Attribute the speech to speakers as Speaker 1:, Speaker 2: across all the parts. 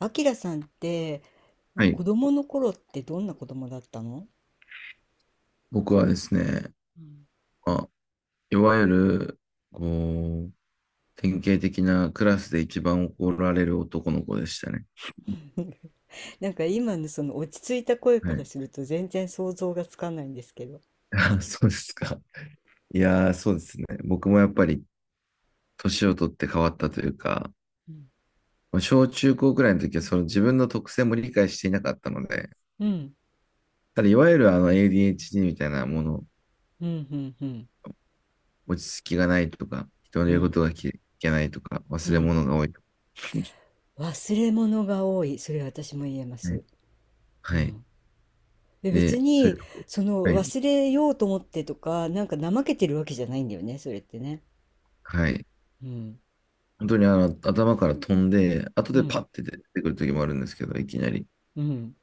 Speaker 1: あきらさんって
Speaker 2: はい。
Speaker 1: 子供の頃ってどんな子供だったの？
Speaker 2: 僕はですね、
Speaker 1: うん。
Speaker 2: いわゆる、こう、典型的なクラスで一番怒られる男の子でしたね。
Speaker 1: なんか今のその落ち着いた声
Speaker 2: は
Speaker 1: から
Speaker 2: い。
Speaker 1: すると全然想像がつかないんですけど。
Speaker 2: あ、そうですか。いやー、そうですね。僕もやっぱり年を取って変わったというか、
Speaker 1: うん、
Speaker 2: 小中高くらいの時はその自分の特性も理解していなかったので、
Speaker 1: うん、
Speaker 2: ただいわゆるあの ADHD みたいなもの、
Speaker 1: うん、うん、うん、
Speaker 2: 落ち着きがないとか、人の
Speaker 1: う
Speaker 2: 言うこ
Speaker 1: ん、
Speaker 2: とが聞けないとか、
Speaker 1: う
Speaker 2: 忘れ
Speaker 1: ん。
Speaker 2: 物が多いとか
Speaker 1: 忘れ物が多い。それ私も言えま
Speaker 2: ね。
Speaker 1: す。う
Speaker 2: はい。
Speaker 1: ん。で別
Speaker 2: で、そうい
Speaker 1: に、
Speaker 2: うとこ。
Speaker 1: その
Speaker 2: はい。
Speaker 1: 忘れようと思ってとか、なんか怠けてるわけじゃないんだよね、それってね。
Speaker 2: はい。
Speaker 1: うん、
Speaker 2: 本当にあの頭から飛んで、後
Speaker 1: う
Speaker 2: で
Speaker 1: ん、
Speaker 2: パッて出てくる時もあるんですけど、いきなり。
Speaker 1: うん。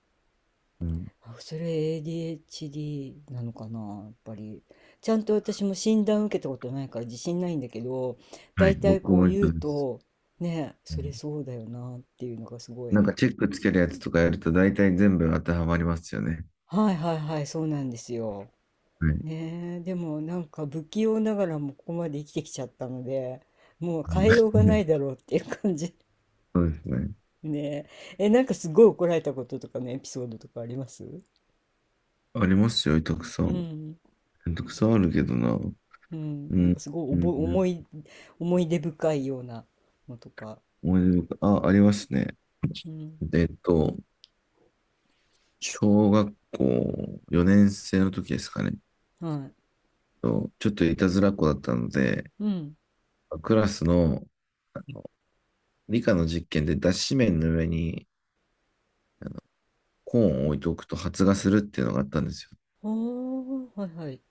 Speaker 2: うん。
Speaker 1: あ、それ ADHD なのかな、やっぱり。ちゃんと私も診断受けたことないから自信ないんだけど、
Speaker 2: は
Speaker 1: だ
Speaker 2: い、
Speaker 1: いたい
Speaker 2: 僕
Speaker 1: こう
Speaker 2: も一
Speaker 1: 言う
Speaker 2: 緒です。
Speaker 1: と、ね、
Speaker 2: う
Speaker 1: それ
Speaker 2: ん。
Speaker 1: そうだよなっていうのがすごい。
Speaker 2: なんかチェックつけるやつとかやると大体全部当てはまりますよね。
Speaker 1: はいはいはい、そうなんですよ。
Speaker 2: はい。
Speaker 1: ねえ、でもなんか不器用ながらもここまで生きてきちゃったので、もう変えようが
Speaker 2: う
Speaker 1: な
Speaker 2: ん。
Speaker 1: い だろうっていう感じ。
Speaker 2: そうですね。
Speaker 1: ねえ、え、なんかすごい怒られたこととかのエピソードとかあります？
Speaker 2: ありますよ、たくさ
Speaker 1: う
Speaker 2: ん。
Speaker 1: ん。
Speaker 2: たくさんあるけどな。
Speaker 1: うん、
Speaker 2: う
Speaker 1: なん
Speaker 2: ん。
Speaker 1: かすごいお
Speaker 2: う
Speaker 1: ぼ、
Speaker 2: ん。う
Speaker 1: 思
Speaker 2: ん。
Speaker 1: い、思い出深いようなのとか。
Speaker 2: 思い出深い、あ、ありますね。
Speaker 1: うん、
Speaker 2: えっと、小学校4年生の時ですかね。
Speaker 1: はい。
Speaker 2: とちょっといたずらっ子だったので、
Speaker 1: うん。
Speaker 2: クラスの理科の実験で脱脂綿の上にコーンを置いておくと発芽するっていうのがあったんですよ。
Speaker 1: おー、はいはい。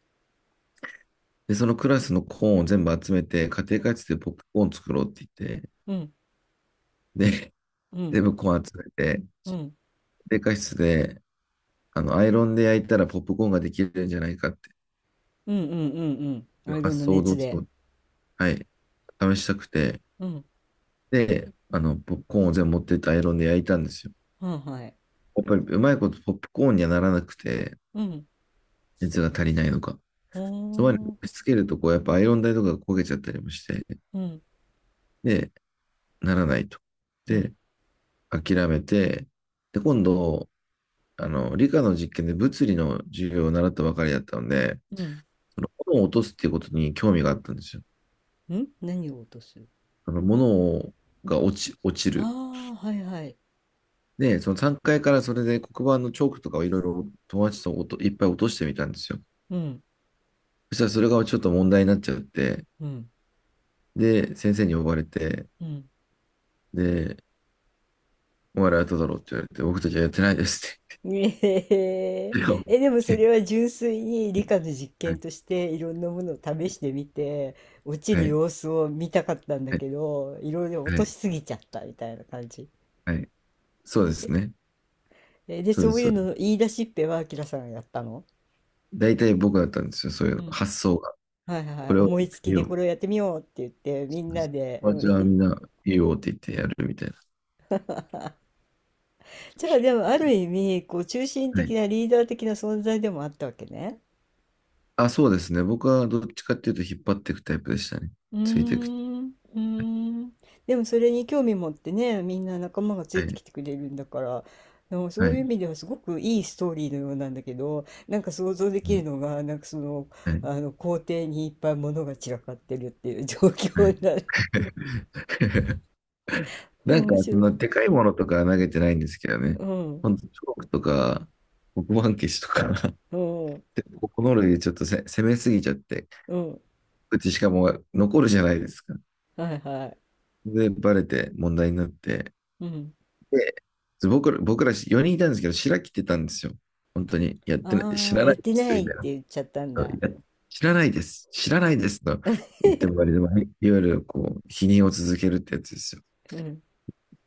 Speaker 2: で、そのクラスのコーンを全部集めて、家庭
Speaker 1: う
Speaker 2: 科室でポップコーン作ろうって言って、
Speaker 1: ん、
Speaker 2: で、
Speaker 1: う
Speaker 2: 全
Speaker 1: ん、
Speaker 2: 部コーン集めて、
Speaker 1: うん、うん、
Speaker 2: 家庭科室で、アイロンで焼いたらポップコーンができるんじゃないかって
Speaker 1: うん、うん、うんうんうんうんうんうんうんん、
Speaker 2: いう
Speaker 1: アイロン
Speaker 2: 発
Speaker 1: の
Speaker 2: 想をど
Speaker 1: 熱
Speaker 2: うして
Speaker 1: で。
Speaker 2: も、はい、試したくて、
Speaker 1: うん、
Speaker 2: で、ポップコーンを全部持ってってアイロンで焼いたんですよ。
Speaker 1: はいはい。
Speaker 2: やっぱりうまいことポップコーンにはならなくて、
Speaker 1: うん、
Speaker 2: 熱が足りないのか。
Speaker 1: お
Speaker 2: そばに押し
Speaker 1: ー、
Speaker 2: 付けると、こう、やっぱアイロン台とかが焦げちゃったりもして、
Speaker 1: うん、
Speaker 2: で、ならないと。
Speaker 1: う
Speaker 2: で、
Speaker 1: ん、
Speaker 2: 諦めて、で、今度、理科の実験で物理の授業を習ったばかりだったので、
Speaker 1: うん。
Speaker 2: その物を落とすっていうことに興味があったんですよ。
Speaker 1: ん、何を落とす？
Speaker 2: 物が落ちる。
Speaker 1: ああー、はいはい。
Speaker 2: で、その3階からそれで黒板のチョークとかをいろいろ友達といっぱい落としてみたんですよ。
Speaker 1: うん、
Speaker 2: そしたらそれがちょっと問題になっちゃって、
Speaker 1: うん、
Speaker 2: で、先生に呼ばれて、
Speaker 1: うん。
Speaker 2: で、お前らやっただろうって言われて、僕たちはやってないですっ
Speaker 1: ねえー。
Speaker 2: て。
Speaker 1: え、でもそれは純粋に理科の実
Speaker 2: は
Speaker 1: 験
Speaker 2: い、
Speaker 1: としていろんなものを試してみて落ち
Speaker 2: はい、
Speaker 1: る
Speaker 2: はい、
Speaker 1: 様子を見たかったんだけど、いろいろ落
Speaker 2: は
Speaker 1: とし
Speaker 2: い、
Speaker 1: すぎちゃったみたいな感じ。
Speaker 2: はい。そうですね。
Speaker 1: えで、
Speaker 2: そう
Speaker 1: そ
Speaker 2: です、
Speaker 1: うい
Speaker 2: そ
Speaker 1: う
Speaker 2: うです。
Speaker 1: のの言い出しっぺはあきらさんがやったの？
Speaker 2: 大体僕だったんですよ、そういう
Speaker 1: う
Speaker 2: の。
Speaker 1: ん。
Speaker 2: 発想が。
Speaker 1: はいは
Speaker 2: こ
Speaker 1: い、
Speaker 2: れをや
Speaker 1: 思い
Speaker 2: って
Speaker 1: つき
Speaker 2: みよ
Speaker 1: で
Speaker 2: うみ
Speaker 1: こ
Speaker 2: た
Speaker 1: れをやってみようって言ってみ
Speaker 2: い
Speaker 1: ん
Speaker 2: な。
Speaker 1: なで。
Speaker 2: 友
Speaker 1: う
Speaker 2: 達
Speaker 1: ん。
Speaker 2: は みんな、いいよって言ってやるみたいな。
Speaker 1: じゃあでもある意味こう中心
Speaker 2: は
Speaker 1: 的
Speaker 2: い。
Speaker 1: なリーダー的な存在でもあったわけね。
Speaker 2: あ、そうですね。僕はどっちかっていうと引っ張っていくタイプでしたね。
Speaker 1: うー
Speaker 2: ついていく。
Speaker 1: ん、うーん。でもそれに興味持ってね、みんな仲間がつ
Speaker 2: は
Speaker 1: いてき
Speaker 2: い。
Speaker 1: てくれるんだから、のそ
Speaker 2: は
Speaker 1: ういう意
Speaker 2: い。
Speaker 1: 味ではすごくいいストーリーのようなんだけど、なんか想像できるのが、なんかその、
Speaker 2: はい。
Speaker 1: あの、校庭にいっぱい物が散らかってるっていう 状
Speaker 2: は
Speaker 1: 況
Speaker 2: い。
Speaker 1: になる。う
Speaker 2: な
Speaker 1: ん、
Speaker 2: んか、
Speaker 1: 面
Speaker 2: そ
Speaker 1: 白
Speaker 2: んな
Speaker 1: い。
Speaker 2: でかいものとかは投げてないんですけどね。
Speaker 1: うん、
Speaker 2: ほんと、チョークとか、黒板消しとか、
Speaker 1: うん、
Speaker 2: でこの類でちょっと攻めすぎちゃって、
Speaker 1: うん。
Speaker 2: うちしかも残るじゃないですか。
Speaker 1: はいはい。
Speaker 2: で、バレて問題になって、
Speaker 1: うん。
Speaker 2: で僕ら4人いたんですけど、白着てたんですよ。本当に。やってない、知
Speaker 1: ああ、
Speaker 2: らな
Speaker 1: やっ
Speaker 2: いで
Speaker 1: て
Speaker 2: す、
Speaker 1: な
Speaker 2: み
Speaker 1: いっ
Speaker 2: たいな。
Speaker 1: て言っちゃったんだ。
Speaker 2: いや、知らないです、知らないです、と言っても割と、いわゆるこう、否認を続けるってやつですよ。
Speaker 1: うん、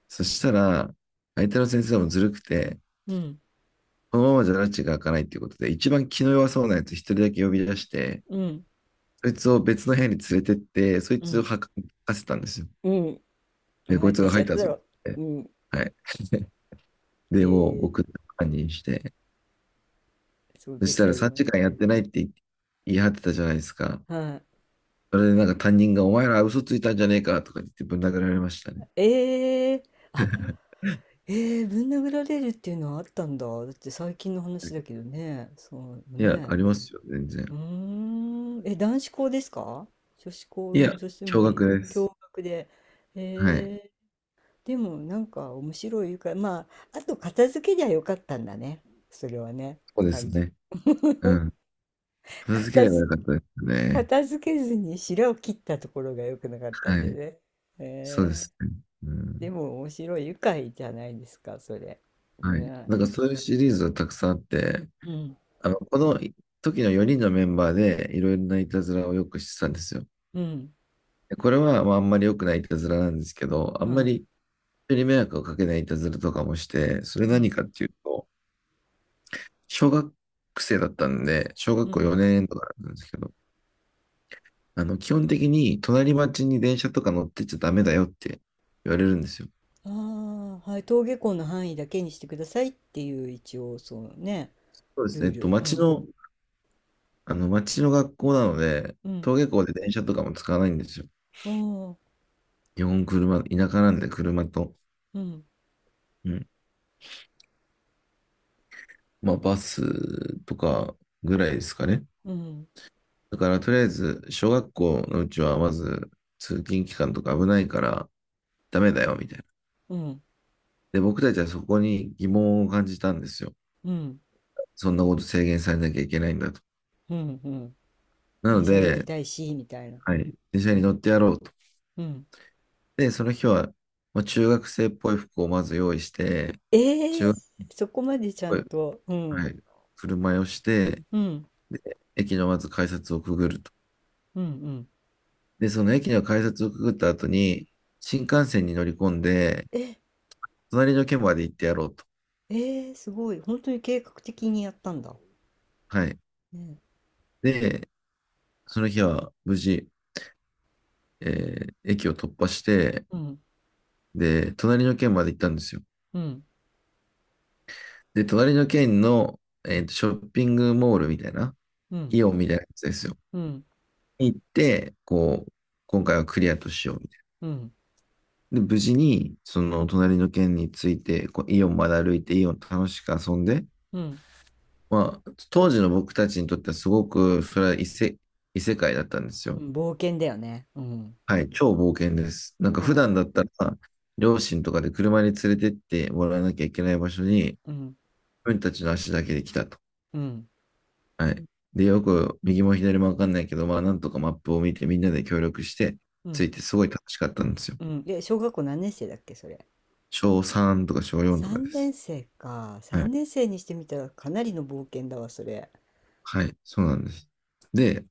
Speaker 2: そしたら、相手の先生もずるくて、
Speaker 1: うん、
Speaker 2: このままじゃ拉致が開かないっていうことで、一番気の弱そうなやつ一人だけ呼び出して、
Speaker 1: うん、
Speaker 2: そいつを別の部屋に連れてって、そい
Speaker 1: う
Speaker 2: つを
Speaker 1: ん、
Speaker 2: 吐かせたんですよ。
Speaker 1: うん。お
Speaker 2: で、こ
Speaker 1: 前
Speaker 2: いつ
Speaker 1: た
Speaker 2: が
Speaker 1: ち
Speaker 2: 入
Speaker 1: や
Speaker 2: っ
Speaker 1: っ
Speaker 2: た
Speaker 1: ただ
Speaker 2: ぞっ
Speaker 1: ろ。
Speaker 2: て。
Speaker 1: うん、
Speaker 2: はい。
Speaker 1: え
Speaker 2: で、もう
Speaker 1: ー、
Speaker 2: 僕、犯人して、
Speaker 1: そう
Speaker 2: そ
Speaker 1: で
Speaker 2: した
Speaker 1: す
Speaker 2: ら3
Speaker 1: よ。
Speaker 2: 時間やってないって言い張ってたじゃないですか。
Speaker 1: はい。
Speaker 2: それでなんか担任がお前ら嘘ついたんじゃねえかとか言ってぶん殴られましたね。
Speaker 1: ええ、あ、ええ、ぶん殴られるっていうのはあったんだ。だって最近の話だけどね。そう
Speaker 2: いや、
Speaker 1: ね。
Speaker 2: ありますよ、全然。
Speaker 1: うーん。え、男子校ですか？女子校
Speaker 2: いや、
Speaker 1: も、女子も
Speaker 2: 驚
Speaker 1: いい。
Speaker 2: 愕です。
Speaker 1: 共学で。
Speaker 2: はい。
Speaker 1: ええ。でもなんか面白いから、まあ、あと片付けりゃよかったんだね。それはね。
Speaker 2: そうです
Speaker 1: 単純。
Speaker 2: ね。うん。片付け
Speaker 1: 片
Speaker 2: ればよ
Speaker 1: 付、
Speaker 2: かったですね。
Speaker 1: 片付けずに白を切ったところが良くなかった
Speaker 2: は
Speaker 1: んだ
Speaker 2: い。
Speaker 1: ね。
Speaker 2: そうで
Speaker 1: えー。
Speaker 2: すね。う
Speaker 1: で
Speaker 2: ん。
Speaker 1: も面白い、愉快じゃないですか、それ。
Speaker 2: はい。
Speaker 1: ね。
Speaker 2: なんかそういうシリーズはたくさんあって、
Speaker 1: うん、
Speaker 2: この時の4人のメンバーでいろいろないたずらをよくしてたんですよ。
Speaker 1: うん、
Speaker 2: でこれは、まあ、あんまり良くないいたずらなんですけど、あんま
Speaker 1: は
Speaker 2: り人に迷惑をかけないいたずらとかもして、それ
Speaker 1: い、う
Speaker 2: 何
Speaker 1: ん、
Speaker 2: かっていうと、小学生だったんで、小学
Speaker 1: う
Speaker 2: 校
Speaker 1: ん。
Speaker 2: 4年とかなんですけど、基本的に隣町に電車とか乗ってっちゃダメだよって言われるんですよ。
Speaker 1: ああ、はい、登下校の範囲だけにしてくださいっていう一応そうね、
Speaker 2: そうです
Speaker 1: ル
Speaker 2: ね。
Speaker 1: ール。う
Speaker 2: 町
Speaker 1: ん、
Speaker 2: の、町の学校なので、
Speaker 1: うん、
Speaker 2: 登下校で電車とかも使わないんですよ。
Speaker 1: おー、
Speaker 2: 基本車、田舎なんで車と、
Speaker 1: うん、
Speaker 2: うん。まあ、バスとかぐらいですかね。
Speaker 1: うん、
Speaker 2: だから、とりあえず、小学校のうちはまず、通勤期間とか危ないから、ダメだよ、みたいな。
Speaker 1: うん、
Speaker 2: で、僕たちはそこに疑問を感じたんですよ。
Speaker 1: うん、
Speaker 2: そんなこと制限されなきゃいけないんだと。
Speaker 1: うん、うん。
Speaker 2: な
Speaker 1: 電
Speaker 2: の
Speaker 1: 車乗り
Speaker 2: で、
Speaker 1: たいし、みたいな。う
Speaker 2: はい、
Speaker 1: ん、
Speaker 2: 電車に乗ってやろうと。
Speaker 1: うん。
Speaker 2: で、その日は、まあ、中学生っぽい服をまず用意して、
Speaker 1: え
Speaker 2: 中
Speaker 1: え、
Speaker 2: 学っ
Speaker 1: そこまでちゃ
Speaker 2: ぽ
Speaker 1: ん
Speaker 2: い、
Speaker 1: と、う
Speaker 2: は
Speaker 1: ん、
Speaker 2: い、振る舞いをして、
Speaker 1: うん、
Speaker 2: で、駅のまず改札をくぐると。
Speaker 1: うん、うん。
Speaker 2: で、その駅の改札をくぐった後に、新幹線に乗り込んで、
Speaker 1: え、
Speaker 2: 隣の県まで行ってやろうと。
Speaker 1: ええすごい。本当に計画的にやったんだ。
Speaker 2: はい。
Speaker 1: ね、
Speaker 2: で、その日は無事、え駅を突破して、
Speaker 1: うん、
Speaker 2: で、隣の県まで行ったんですよ。
Speaker 1: うん、うん、
Speaker 2: で、隣の県の、ショッピングモールみたいな、
Speaker 1: うん、
Speaker 2: イオンみたいなやつですよ。
Speaker 1: うん、
Speaker 2: 行って、こう、今回はクリアとしようみたい
Speaker 1: うん、
Speaker 2: な。で、無事に、その隣の県について、こうイオンまで歩いて、イオン楽しく遊んで、まあ、当時の僕たちにとってはすごく、それは異世界だったんです
Speaker 1: う
Speaker 2: よ。
Speaker 1: ん、冒険だよね。うん。
Speaker 2: はい、超冒険です。なんか
Speaker 1: は
Speaker 2: 普段だったら、両親とかで車に連れてってもらわなきゃいけない場所に、自
Speaker 1: い。うん。
Speaker 2: 分たちの足だけで来たと。
Speaker 1: うん。
Speaker 2: はい。で、よく右も左もわかんないけど、まあなんとかマップを見てみんなで協力して
Speaker 1: う
Speaker 2: つ
Speaker 1: ん。
Speaker 2: いてすごい楽しかったんですよ。
Speaker 1: うん。え、小学校何年生だっけ、それ。
Speaker 2: 小3とか小4とかで
Speaker 1: 3年
Speaker 2: す。
Speaker 1: 生か。
Speaker 2: は
Speaker 1: 3
Speaker 2: い。
Speaker 1: 年生にしてみたらかなりの冒険だわ、それ。
Speaker 2: はい。そうなんです。で、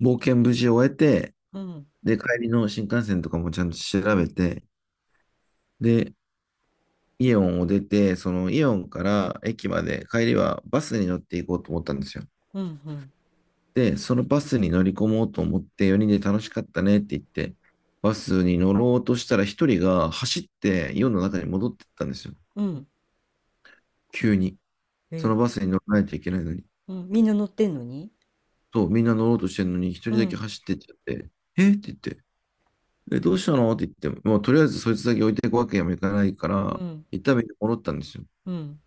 Speaker 2: 冒険無事終えて、
Speaker 1: うん。
Speaker 2: で、帰りの新幹線とかもちゃんと調べて、で、イオンを出て、そのイオンから駅まで帰りはバスに乗っていこうと思ったんですよ。
Speaker 1: うん。うん。
Speaker 2: で、そのバスに乗り込もうと思って4人で楽しかったねって言って、バスに乗ろうとしたら1人が走って世の中に戻ってったんですよ。
Speaker 1: うん。
Speaker 2: 急に。その
Speaker 1: え、
Speaker 2: バスに乗らないといけないのに。
Speaker 1: うん。みんな乗ってんのに。
Speaker 2: そう、みんな乗ろうとしてるのに1
Speaker 1: う
Speaker 2: 人だけ
Speaker 1: ん。
Speaker 2: 走ってっちゃって、えって言って、え、どうしたのって言って、もうとりあえずそいつだけ置いていくわけにもいかないか
Speaker 1: う
Speaker 2: ら、
Speaker 1: ん。
Speaker 2: 一旦みんな戻ったんですよ。
Speaker 1: うん。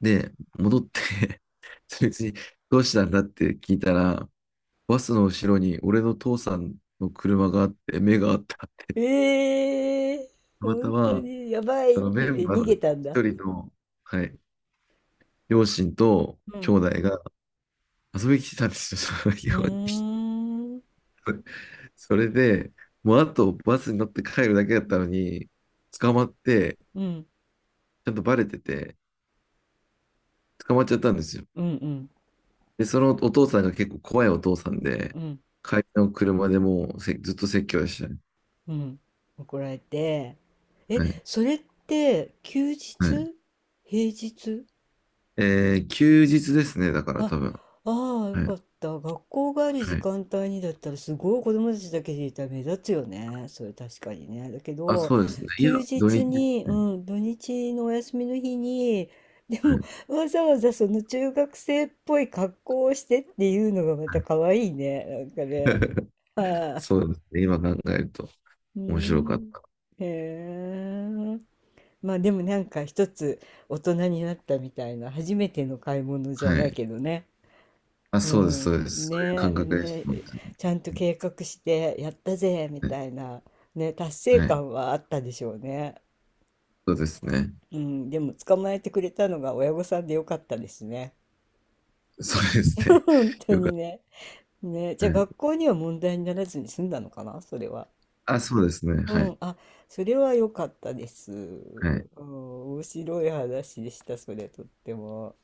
Speaker 2: で、戻って そいつにどうしたんだって聞いたら、バスの後ろに俺の父さんの車があって、目があった。って
Speaker 1: ええ
Speaker 2: た
Speaker 1: ー、
Speaker 2: また
Speaker 1: 本当
Speaker 2: ま、
Speaker 1: にやばい
Speaker 2: そ
Speaker 1: って
Speaker 2: のメ
Speaker 1: 言って
Speaker 2: ンバー
Speaker 1: 逃
Speaker 2: の
Speaker 1: げ
Speaker 2: 一
Speaker 1: たんだ。
Speaker 2: 人の、はい、両親と
Speaker 1: う
Speaker 2: 兄
Speaker 1: ん。
Speaker 2: 弟が遊びに来てたんですよ、その日
Speaker 1: う
Speaker 2: 本に。
Speaker 1: ーん。
Speaker 2: それで、もうあとバスに乗って帰るだけだったのに、捕まって、
Speaker 1: うん。
Speaker 2: ちゃんとバレてて、捕まっちゃったんですよ。
Speaker 1: うん。うん。
Speaker 2: で、そのお父さんが結構怖いお父さんで、
Speaker 1: うん。
Speaker 2: 帰りの車でもうずっと説教でしたね。
Speaker 1: うん。怒られて。え、
Speaker 2: はい。
Speaker 1: それって休日？
Speaker 2: はい。
Speaker 1: 平日？
Speaker 2: 休日ですね、だか
Speaker 1: あ、
Speaker 2: ら多分。
Speaker 1: ああ、よ
Speaker 2: はい。
Speaker 1: かった。学校がある
Speaker 2: は
Speaker 1: 時
Speaker 2: い。
Speaker 1: 間帯にだったら、すごい子供たちだけでいたら目立つよね。それ確かにね。だけ
Speaker 2: あ、
Speaker 1: ど、
Speaker 2: そうですね。いや、
Speaker 1: 休
Speaker 2: 土
Speaker 1: 日
Speaker 2: 日。
Speaker 1: に、うん、土日のお休みの日に、で
Speaker 2: は
Speaker 1: も、
Speaker 2: い。
Speaker 1: わざわざその中学生っぽい格好をしてっていうのがまた可愛いね。なんかね。は
Speaker 2: そうですね。今考えると
Speaker 1: い、うー
Speaker 2: 面白かっ
Speaker 1: ん。
Speaker 2: た。
Speaker 1: へえ。まあでもなんか一つ大人になったみたいな、初めての買い物じゃ
Speaker 2: は
Speaker 1: ない
Speaker 2: い。
Speaker 1: けどね。
Speaker 2: あ、
Speaker 1: う
Speaker 2: そうです、そ
Speaker 1: ん、
Speaker 2: うです。そういう
Speaker 1: ね
Speaker 2: 感
Speaker 1: え、
Speaker 2: 覚でし
Speaker 1: ね
Speaker 2: た。本
Speaker 1: え、
Speaker 2: 当
Speaker 1: ちゃんと計画してやったぜみ
Speaker 2: にね。
Speaker 1: たいな、ね、達成
Speaker 2: はい。
Speaker 1: 感はあったでしょうね。
Speaker 2: そうですね。
Speaker 1: うん、でも捕まえてくれたのが親御さんでよかったですね。
Speaker 2: そうですね。
Speaker 1: 本 当
Speaker 2: よか
Speaker 1: に
Speaker 2: っ
Speaker 1: ね。ね、
Speaker 2: た。
Speaker 1: じゃあ
Speaker 2: は
Speaker 1: 学
Speaker 2: い。
Speaker 1: 校には問題にならずに済んだのかな、それは。
Speaker 2: あ、そうですね。
Speaker 1: う
Speaker 2: は
Speaker 1: ん、
Speaker 2: い。
Speaker 1: あ、それは良かったです。
Speaker 2: はい。
Speaker 1: うん、面白い話でした、それとっても。